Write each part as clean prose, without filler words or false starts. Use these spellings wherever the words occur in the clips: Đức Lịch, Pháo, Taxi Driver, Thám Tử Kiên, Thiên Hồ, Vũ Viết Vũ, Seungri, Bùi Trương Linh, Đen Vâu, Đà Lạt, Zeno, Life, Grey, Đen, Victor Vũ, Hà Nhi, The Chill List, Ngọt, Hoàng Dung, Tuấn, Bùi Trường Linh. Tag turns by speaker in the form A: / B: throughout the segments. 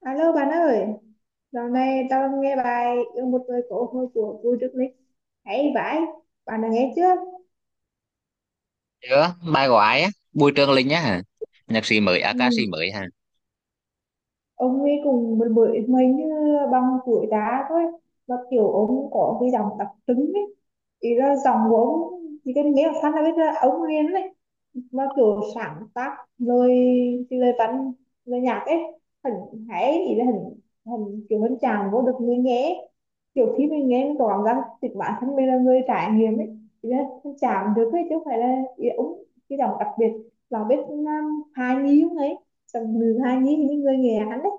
A: Alo bạn ơi, dạo này tao nghe bài Yêu một người cổ hôi của vui Đức Lịch hay vãi, bạn đã nghe chưa?
B: Chưa, bài của ai á? Bùi Trường Linh á hả? Nhạc sĩ mới, à, ca
A: Ừ,
B: sĩ mới hả?
A: ông ấy cùng một bưởi mình như bằng tuổi đá thôi và kiểu ông có cái giọng đặc trưng ấy, ý là giọng của ông chỉ cần nghe một phát là biết là ông liền đấy. Nó kiểu sáng tác lời, cái lời văn, lời nhạc ấy, hình hãy ý là hình hình kiểu hình chàng vô được người nghe, kiểu khi mình nghe mình có cảm giác chính bản thân mình là người trải nghiệm ấy, thì là hình chàng được ấy chứ không phải là ý là ống cái giọng đặc biệt là biết hài nhi không ấy, giọng nữ hài nhi thì những người nghe hắn đấy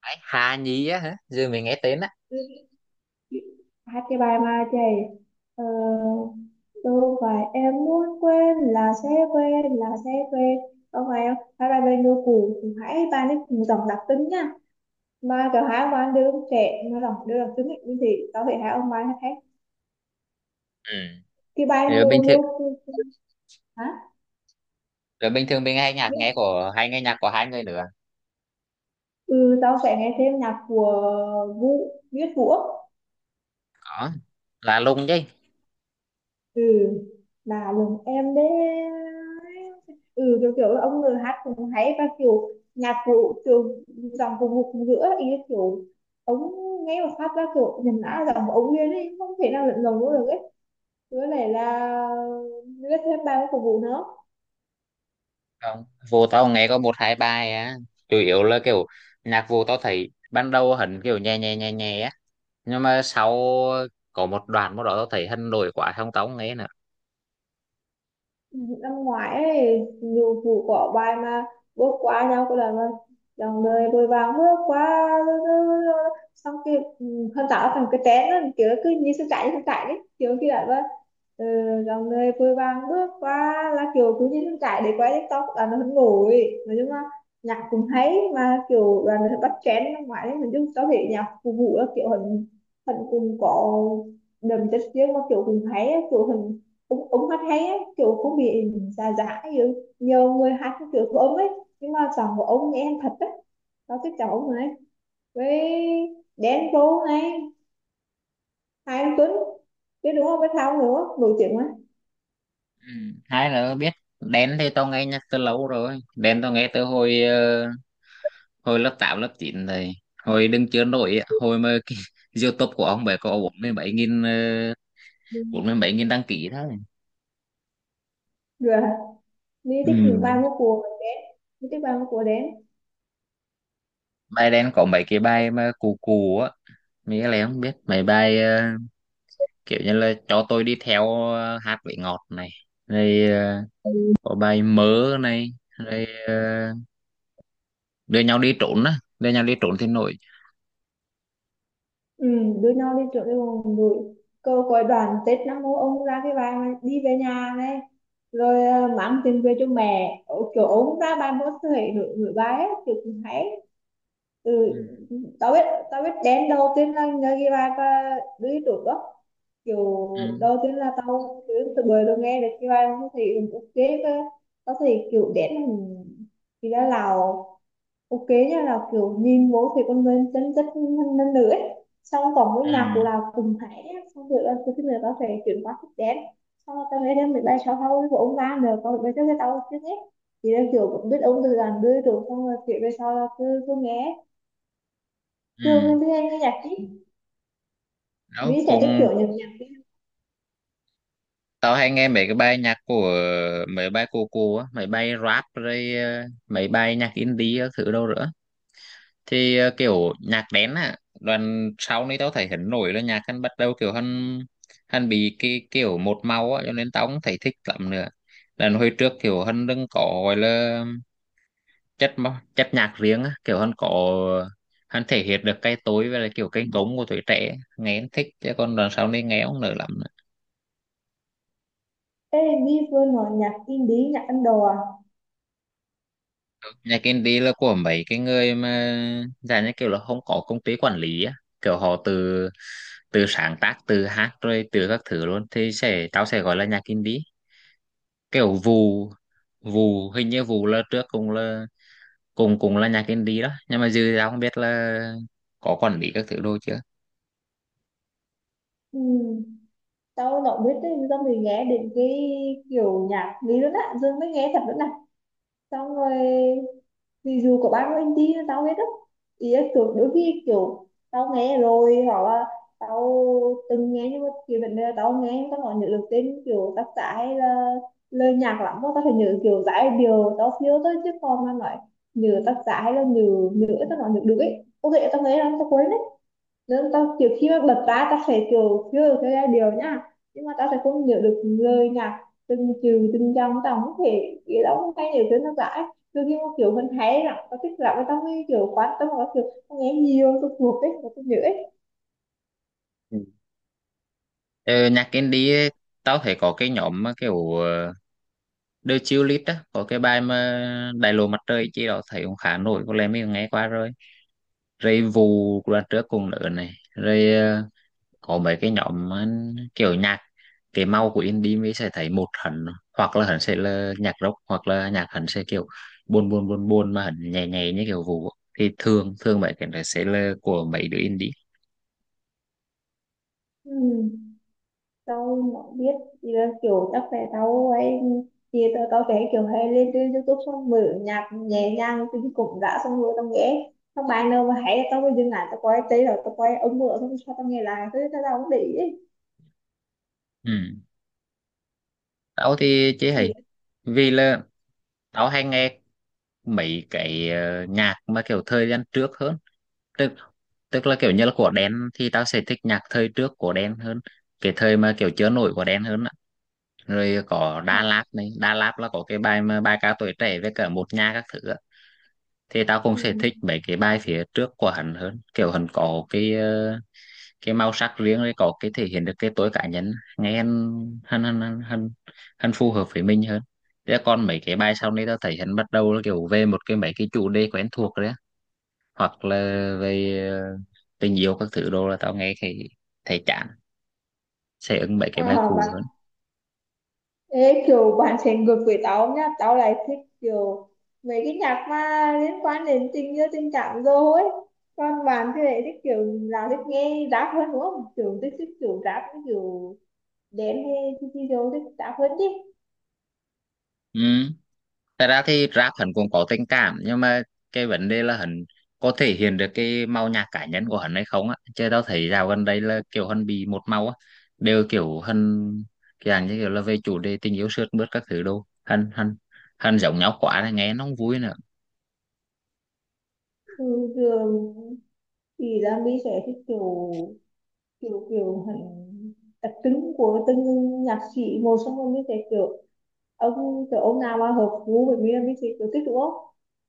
B: Ấy, Hà Nhi á hả? Giờ mình nghe tên á.
A: hát cái bài mà chạy ờ, đâu phải em muốn quên là sẽ quên là sẽ quên. Không phải không hát bài bên đô cũ cũng hãy bài ấy cùng dòng đặc tính nha, mà cả hai ông bạn đứa con trẻ nó giọng đứa đặc tính ấy, như thế tao phải hai ông bài hát hết
B: Ừ.
A: cái bài
B: Rồi
A: mưa
B: bình thường,
A: mưa. Hả?
B: rồi bình thường, mình hay nghe nhạc của hai người nữa.
A: Ừ, tao sẽ nghe thêm nhạc của Vũ Viết Vũ.
B: Có. Là lùng chứ.
A: Ừ, là lần em đấy. Ừ, kiểu kiểu là ông người hát cũng hay và kiểu nhạc cụ kiểu dòng vùng một giữa ý là kiểu ông nghe một phát ra kiểu nhìn đã là dòng của ông liền ấy, không thể nào lẫn lộn được ấy. Với lại là rất thêm ba cái phục vụ nữa.
B: Không. Vô tao nghe có một hai bài á. Chủ yếu là kiểu nhạc vô tao thấy ban đầu hẳn kiểu nhẹ nhẹ nhẹ nhẹ á. Nhưng mà sau có một đoạn một đó tao thấy hân nổi quá không tao không nghe nữa.
A: Năm ngoái ấy, nhiều vụ có bài mà bước qua nhau có lần mà dòng đời vội vàng bước qua, xong kia ừ, hơn tạo thành cái chén đó, kiểu cứ như sắp chạy đấy kiểu kia là vâng. Ừ, dòng đời vội vàng bước qua là kiểu cứ như sắp chạy để quay TikTok là nó hứng nổi, nói chung là nhạc cũng hay mà kiểu là nó bắt trend năm ngoái đấy, mình chung có thể nhạc phục vụ là kiểu hình hình cùng có đầm chất riêng mà kiểu cùng hay á, kiểu hình cũng cũng hát hay ấy, kiểu cũng bị già già ấy, nhiều người hát cái kiểu của ông ấy, nhưng mà giọng của ông nghe thật đấy. Nó thích cháu này, với Đen Vâu này, Hai anh Tuấn biết đúng không, với thao nữa nổi tiếng mà.
B: Ừ. Hai nữa biết Đen thì tao nghe nhạc từ lâu rồi. Đen tao nghe từ hồi lớp 8, lớp 9 thầy hồi đứng chưa nổi á, hồi mà cái YouTube của ông bé có 47.000
A: Ừ.
B: đăng ký thôi.
A: Rồi mình
B: Ừ.
A: thích những bài múa của Đen, mình thích bài múa của Đen.
B: Bài đen có mấy cái bài mà cù cù á, mấy cái này không biết mấy bài, kiểu như là cho tôi đi theo, hát vị ngọt này, rồi có bài mớ này, rồi đưa nhau đi trốn á, đưa nhau đi trốn thì nổi.
A: Ừ, đưa nhau đi trượt đi vòng đùi, câu coi đoàn Tết năm mô ông ra cái bài mà đi về nhà này, rồi mang tiền về cho mẹ. Ồ, kiểu ông ra bài múa thể nổi nổi bài ấy, kiểu cũng hay. Ừ,
B: Ừ.
A: tao biết, tao biết đến đầu tiên là nhờ ghi bài và đứa trước đó kiểu
B: Ừ.
A: đầu tiên là tao cứ từ bời luôn nghe được ghi bài, tao thấy ừ, ok cơ. Tao thấy kiểu đến là thì ra Lào, ok nha, là kiểu nhìn vô thì con người chân chất hơn hơn nữa ấy. Xong còn với
B: Ừ.
A: nhạc của Lào cùng hãy á, xong rồi là cái thứ nữa tao phải chuyển qua thích đến. Xong rồi tao nghe thêm mình bay sau sau của ông ra nữa còn bây giờ tao chưa hết, thì là kiểu biết ông từ đàn đưa rồi xong rồi kiểu về sau là cứ cứ nghe. Thường
B: Ừ.
A: em hay nghe nhạc chứ.
B: Đó
A: Mỹ sẽ thích
B: cũng
A: kiểu nhạc nhạc.
B: tao hay nghe mấy cái bài nhạc của mấy bài cô á, mấy bài rap rồi mấy bài nhạc indie các thứ đâu nữa. Thì kiểu nhạc đen á, đoạn sau này tao thấy hắn nổi là nhạc hắn bắt đầu kiểu hắn hắn bị cái kiểu một màu á, cho nên tao không thấy thích lắm nữa. Lần hồi trước kiểu hắn đừng có gọi là chất nhạc riêng á, kiểu hắn có hắn thể hiện được cái tối với lại kiểu cái gống của tuổi trẻ nghe hắn thích, chứ còn đoạn sau này nghe không nở lắm.
A: Ê, Mỹ vừa nói nhạc indie, nhạc Ấn Độ à?
B: Nhà kinh tế là của mấy cái người mà dạng như kiểu là không có công ty quản lý á, kiểu họ từ từ sáng tác, từ hát rồi từ các thứ luôn, thì tao sẽ gọi là nhà kinh tế. Kiểu vụ vụ hình như vụ là trước cũng là cùng cùng là nhà kinh tế đó, nhưng mà dư tao không biết là có quản lý các thứ đồ chưa.
A: Ừ. Tao đâu biết đấy, xong rồi nghe đến cái kiểu nhạc Mỹ luôn á. Dương mới nghe thật luôn nè. Xong rồi thì dù có bao nhiêu anh đi tao hết á, ý là kiểu đôi khi kiểu tao nghe rồi hoặc là tao từng nghe, nhưng mà kiểu vấn đề là tao nghe nhưng tao còn nhớ được tên kiểu tác giả hay là lời nhạc lắm, tao phải nhớ kiểu giải điều tao thiếu tới, chứ còn mà nói nhớ tác giả hay là nhớ, nhớ tao còn nhớ được ấy, ok tao nghe lắm tao quên. Nếu tao kiểu khi mà bật ra tao sẽ kiểu nhớ cái giai điệu nhá, nhưng mà tao sẽ không nhớ được lời nhạc từng chữ từng dòng, tao không thể, cái đó không hay nhớ tiếng nó giải. Đôi khi mà kiểu mình thấy là tao thích lắm, tao mới kiểu quan tâm và kiểu tao nghe nhiều tao thuộc ấy và tao nhớ ấy.
B: Ừ. Ờ, Nhạc indie ấy, tao thấy có cái nhóm mà kiểu The Chill List á, có cái bài mà Đại lộ mặt trời chi đó thấy cũng khá nổi, có lẽ mình nghe qua rồi, rồi vụ đoàn trước cùng nữa này, rồi có mấy cái nhóm kiểu nhạc, cái màu của indie mới sẽ thấy một hẳn, hoặc là hẳn sẽ là nhạc rock hoặc là nhạc hẳn sẽ kiểu buồn buồn buồn buồn mà hẳn nhẹ nhẹ như kiểu vụ, thì thường thường mấy cái này sẽ là của mấy đứa indie.
A: Ừ. Tao không biết, thì là kiểu chắc là tao ấy, thì tao tao thấy kiểu hay lên trên YouTube xong mở nhạc nhẹ nhàng tính cũng đã, xong rồi tao nghe xong bài nào mà hay tao mới dừng lại, tao quay tay rồi tao quay ống mở xong sao tao nghe lại, thế tao tao không để ý ấy.
B: Ừ. Tao thì chế
A: Chỉ
B: hay
A: là
B: vì là tao hay nghe mấy cái nhạc mà kiểu thời gian trước hơn, tức tức là kiểu như là của Đen thì tao sẽ thích nhạc thời trước của Đen hơn, cái thời mà kiểu chưa nổi của Đen hơn á. Rồi có
A: ờ,
B: Đà Lạt này, Đà Lạt là có cái bài mà bài ca tuổi trẻ với cả một nhà các thứ á. Thì tao cũng
A: ừ.
B: sẽ thích mấy cái bài phía trước của hắn hơn, kiểu hắn có cái cái màu sắc riêng rồi có cái thể hiện được cái tôi cá nhân, nghe hắn hắn hắn hắn hắn, hắn phù hợp với mình hơn. Thế còn mấy cái bài sau này tao thấy hắn bắt đầu là kiểu về một cái mấy cái chủ đề quen thuộc đấy á, hoặc là về tình yêu các thứ đồ là tao nghe thì thấy chán, sẽ ứng mấy
A: Ờ,
B: cái bài
A: mà
B: cũ hơn.
A: kiểu bạn sẽ ngược với tao nhá, tao lại thích kiểu mấy cái nhạc mà liên quan đến tình yêu tình cảm rồi ấy, còn bạn thì lại thích kiểu là thích nghe rap hơn đúng không, kiểu thích thích kiểu rap cái kiểu đen hay thì thích rap hơn đi.
B: Ừ. Thật ra thì rap hắn cũng có tình cảm, nhưng mà cái vấn đề là hắn có thể hiện được cái màu nhạc cá nhân của hắn hay không á. Chứ tao thấy dạo gần đây là kiểu hắn bị một màu á, đều kiểu hắn cái dạng như kiểu là về chủ đề tình yêu sướt mướt các thứ đâu. Hắn hắn hắn giống nhau quá là nghe nó không vui nữa.
A: Ừ, thường thì là mình sẽ thích kiểu kiểu kiểu hẳn đặc trưng của từng nhạc sĩ một, xong rồi mới thấy kiểu ông nào mà hợp gu với mình là mình sẽ kiểu thích đúng không.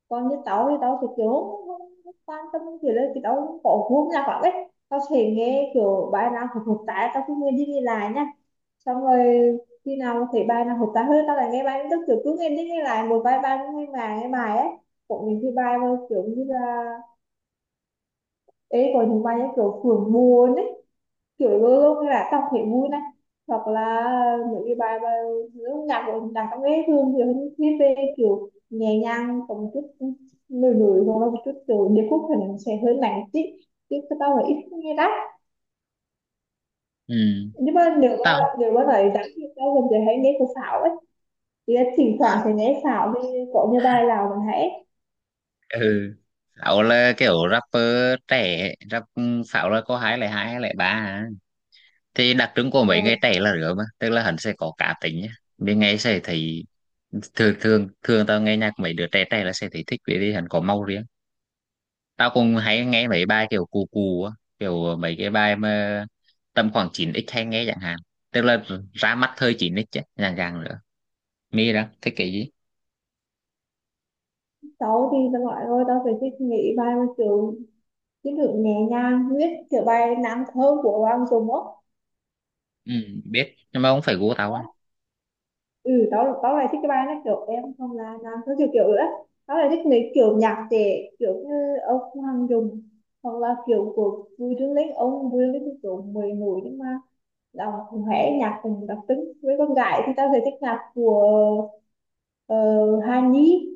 A: Còn như tao thì tao kiểu không quan tâm kiểu là thì tao không có gu nhạc lắm ấy, tao sẽ nghe kiểu bài nào hợp hợp tai tao cứ nghe đi nghe lại nha, xong rồi khi nào thấy bài nào hợp tai hơn tao lại nghe bài tức kiểu cứ nghe đi nghe lại một vài bài nghe bài nghe bài ấy. Cũng những cái bài mà kiểu như là ấy có những bài như kiểu phường buồn ấy, kiểu luôn lúc là đọc thấy vui này, hoặc là những cái bài mà lúc nhạc của đàn các ấy thường thì hơn viết về kiểu nhẹ nhàng có một chút nổi nổi hoặc là một chút kiểu điệp khúc thì nó sẽ hơi nặng tí, chứ cái tao là ít nghe lắm.
B: Ừ.
A: Nhưng mà
B: Tao
A: nếu mà nói đáng thì tao gần giờ hay nghe của Thảo ấy, thì là thỉnh thoảng thì nghe Thảo thì có như bài nào mình hãy
B: ừ. Pháo là kiểu rapper trẻ, rap. Pháo là có 2002 hay 2003 à. Thì đặc trưng của
A: ờ.
B: mấy người trẻ là rửa mà, tức là hắn sẽ có cá tính nhá. Bên nghe sẽ thấy, thường thường thường tao nghe nhạc mấy đứa trẻ trẻ là sẽ thấy thích vì vì hắn có màu riêng. Tao cũng hay nghe mấy bài kiểu cù cù á, kiểu mấy cái bài mà tầm khoảng chín x hay nghe chẳng hạn, tức là ra mắt thời chín x ấy, dạng dạng nữa mi đó thích cái gì.
A: Tao thì tao nói thôi tao phải thích nghĩ bài mà kiểu cái được nhẹ nhàng viết kiểu bài nam thơ của Hoàng Dung á.
B: Ừ, biết nhưng mà không phải gu tao á,
A: Ừ, tao tao lại thích cái bài này kiểu em không là nam thứ kiểu kiểu nữa, tao lại thích mấy kiểu nhạc trẻ kiểu như ông Hoàng Dung hoặc là kiểu của Bùi Trương Linh, ông Bùi Trương Linh thì kiểu mười nổi nhưng mà đọc cũng hẻ nhạc cùng đặc tính. Với con gái thì tao sẽ thích nhạc của ờ, Hà Nhi,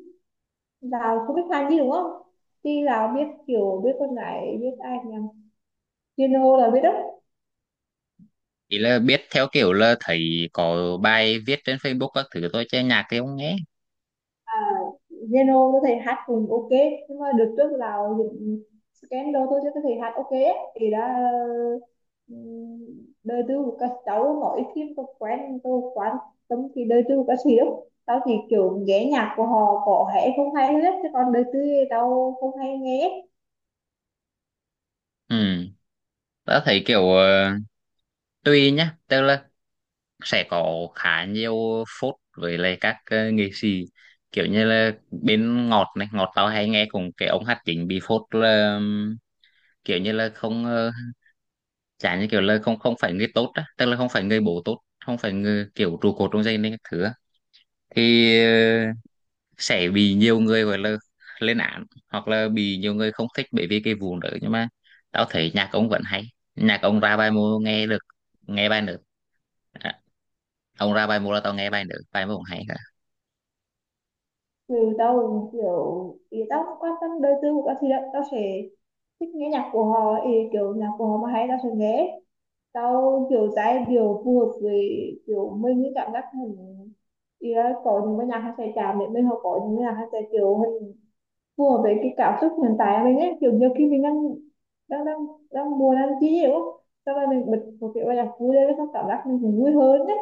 A: là không biết Hà Nhi đúng không, thì là biết kiểu biết con gái biết ai nhỉ, Thiên Hồ là biết đó.
B: chỉ là biết theo kiểu là thấy có bài viết trên Facebook các thứ thôi chứ nhạc thì không nghe.
A: À, Zeno tôi thấy hát cũng ok, nhưng mà đợt trước là những scandal tôi thấy thầy hát ok ấy. Thì đã ừm, đời tư của các cháu mỗi phim tôi quen tôi quan tâm thì đời tư của các sĩ lắm. Tao thì kiểu nghe nhạc của họ có hay không hay hết chứ còn đời tư thì tao không hay nghe.
B: Ừ, tao thấy kiểu tùy nhá, tức là sẽ có khá nhiều phốt với lại các nghệ sĩ, kiểu như là bên Ngọt này, Ngọt tao hay nghe cùng cái ông hát chính bị phốt là, kiểu như là không chả, như kiểu là không không phải người tốt á, tức là không phải người bố tốt, không phải người kiểu trụ cột trong gia đình các thứ á. Thì sẽ bị nhiều người gọi là lên án, hoặc là bị nhiều người không thích bởi vì cái vụ đó, nhưng mà tao thấy nhạc ông vẫn hay, nhạc ông ra bài mô nghe được, nghe bài nữa. À, ông ra bài mô là tao nghe bài nữa, bài mô cũng hay cả.
A: Thì tao cũng kiểu thì tao không quan tâm đời tư của các sĩ lắm, tao sẽ thích nghe nhạc của họ, thì kiểu nhạc của họ mà hay tao sẽ nghe, sau kiểu giai điệu phù hợp với kiểu mình cái cảm giác mình. Ý là có những cái nhạc hay sẽ chạm để mình hoặc có những cái nhạc hay sẽ kiểu mình phù hợp với cái cảm xúc hiện tại của mình ấy, kiểu nhiều khi mình đang đang đang đang buồn đang chi nhiều á. Sau đó mình bật một cái bài nhạc vui lên xong cảm giác mình cũng vui hơn đấy,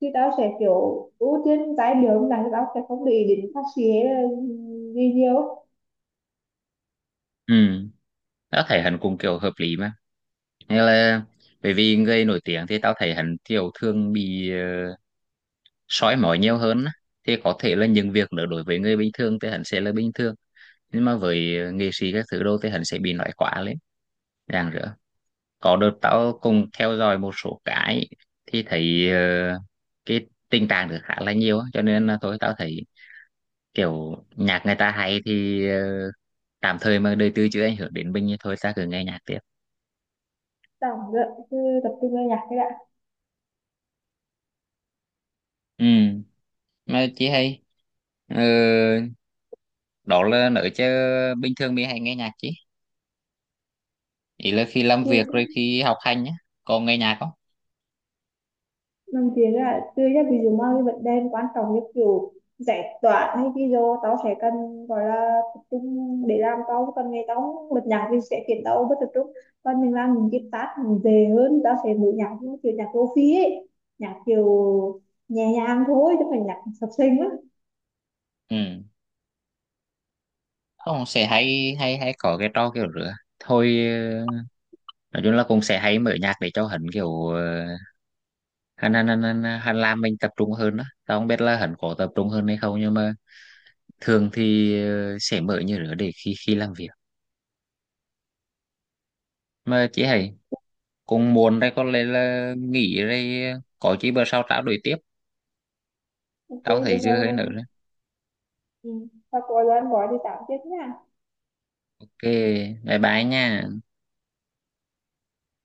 A: thì tao sẽ kiểu ưu tiên trái điệu âm nhạc thì tao sẽ không để ý đến phát sĩ hay là gì nhiều á.
B: Ừ, tao thấy hắn cũng kiểu hợp lý mà, như là bởi vì người nổi tiếng thì tao thấy hắn kiểu thường bị uh, soi mói nhiều hơn á. Thì có thể là những việc nữa đối với người bình thường thì hắn sẽ là bình thường, nhưng mà với nghệ sĩ các thứ đâu thì hắn sẽ bị nói quá lên ràng rỡ. Có đợt tao cùng theo dõi một số cái thì thấy cái tình trạng được khá là nhiều á, cho nên là thôi tao thấy kiểu nhạc người ta hay thì tạm thời mà đời tư chưa ảnh hưởng đến mình thì thôi ta cứ nghe nhạc tiếp.
A: Cứ tập trung vào nhạc cái đã.
B: Ừ. Mà chị hay ờ, đó là nữ chứ, bình thường mình hay nghe nhạc chị, ý là khi làm
A: Thì
B: việc rồi khi học hành nhá, có nghe nhạc không.
A: làm việc là tươi ra, ví dụ mà cái vấn đề quan trọng như kiểu giải toán hay cái vô tao sẽ cần gọi là tập trung để làm, tao cần ngày tao bật nhạc thì sẽ khiến tao bất tập trung, còn mình làm những cái task mình dễ hơn tao sẽ mở nhạc như kiểu nhạc lofi ấy, nhạc kiểu nhẹ nhàng thôi chứ không phải nhạc sập sình á.
B: Ừ, không sẽ hay hay hay có cái trò kiểu rửa thôi, nói chung là cũng sẽ hay mở nhạc để cho hắn kiểu hắn làm mình tập trung hơn đó, tao không biết là hắn có tập trung hơn hay không, nhưng mà thường thì sẽ mở như rửa để khi khi làm việc. Mà chị hay cũng muốn đây, có lẽ là nghỉ đây, có chị bữa sau trao đổi tiếp,
A: Ok
B: tao
A: được
B: thấy dư hơi nữa.
A: không. Ừ. Và có gian gọi thì tạm tiếp nha.
B: Ok, bye bye nha.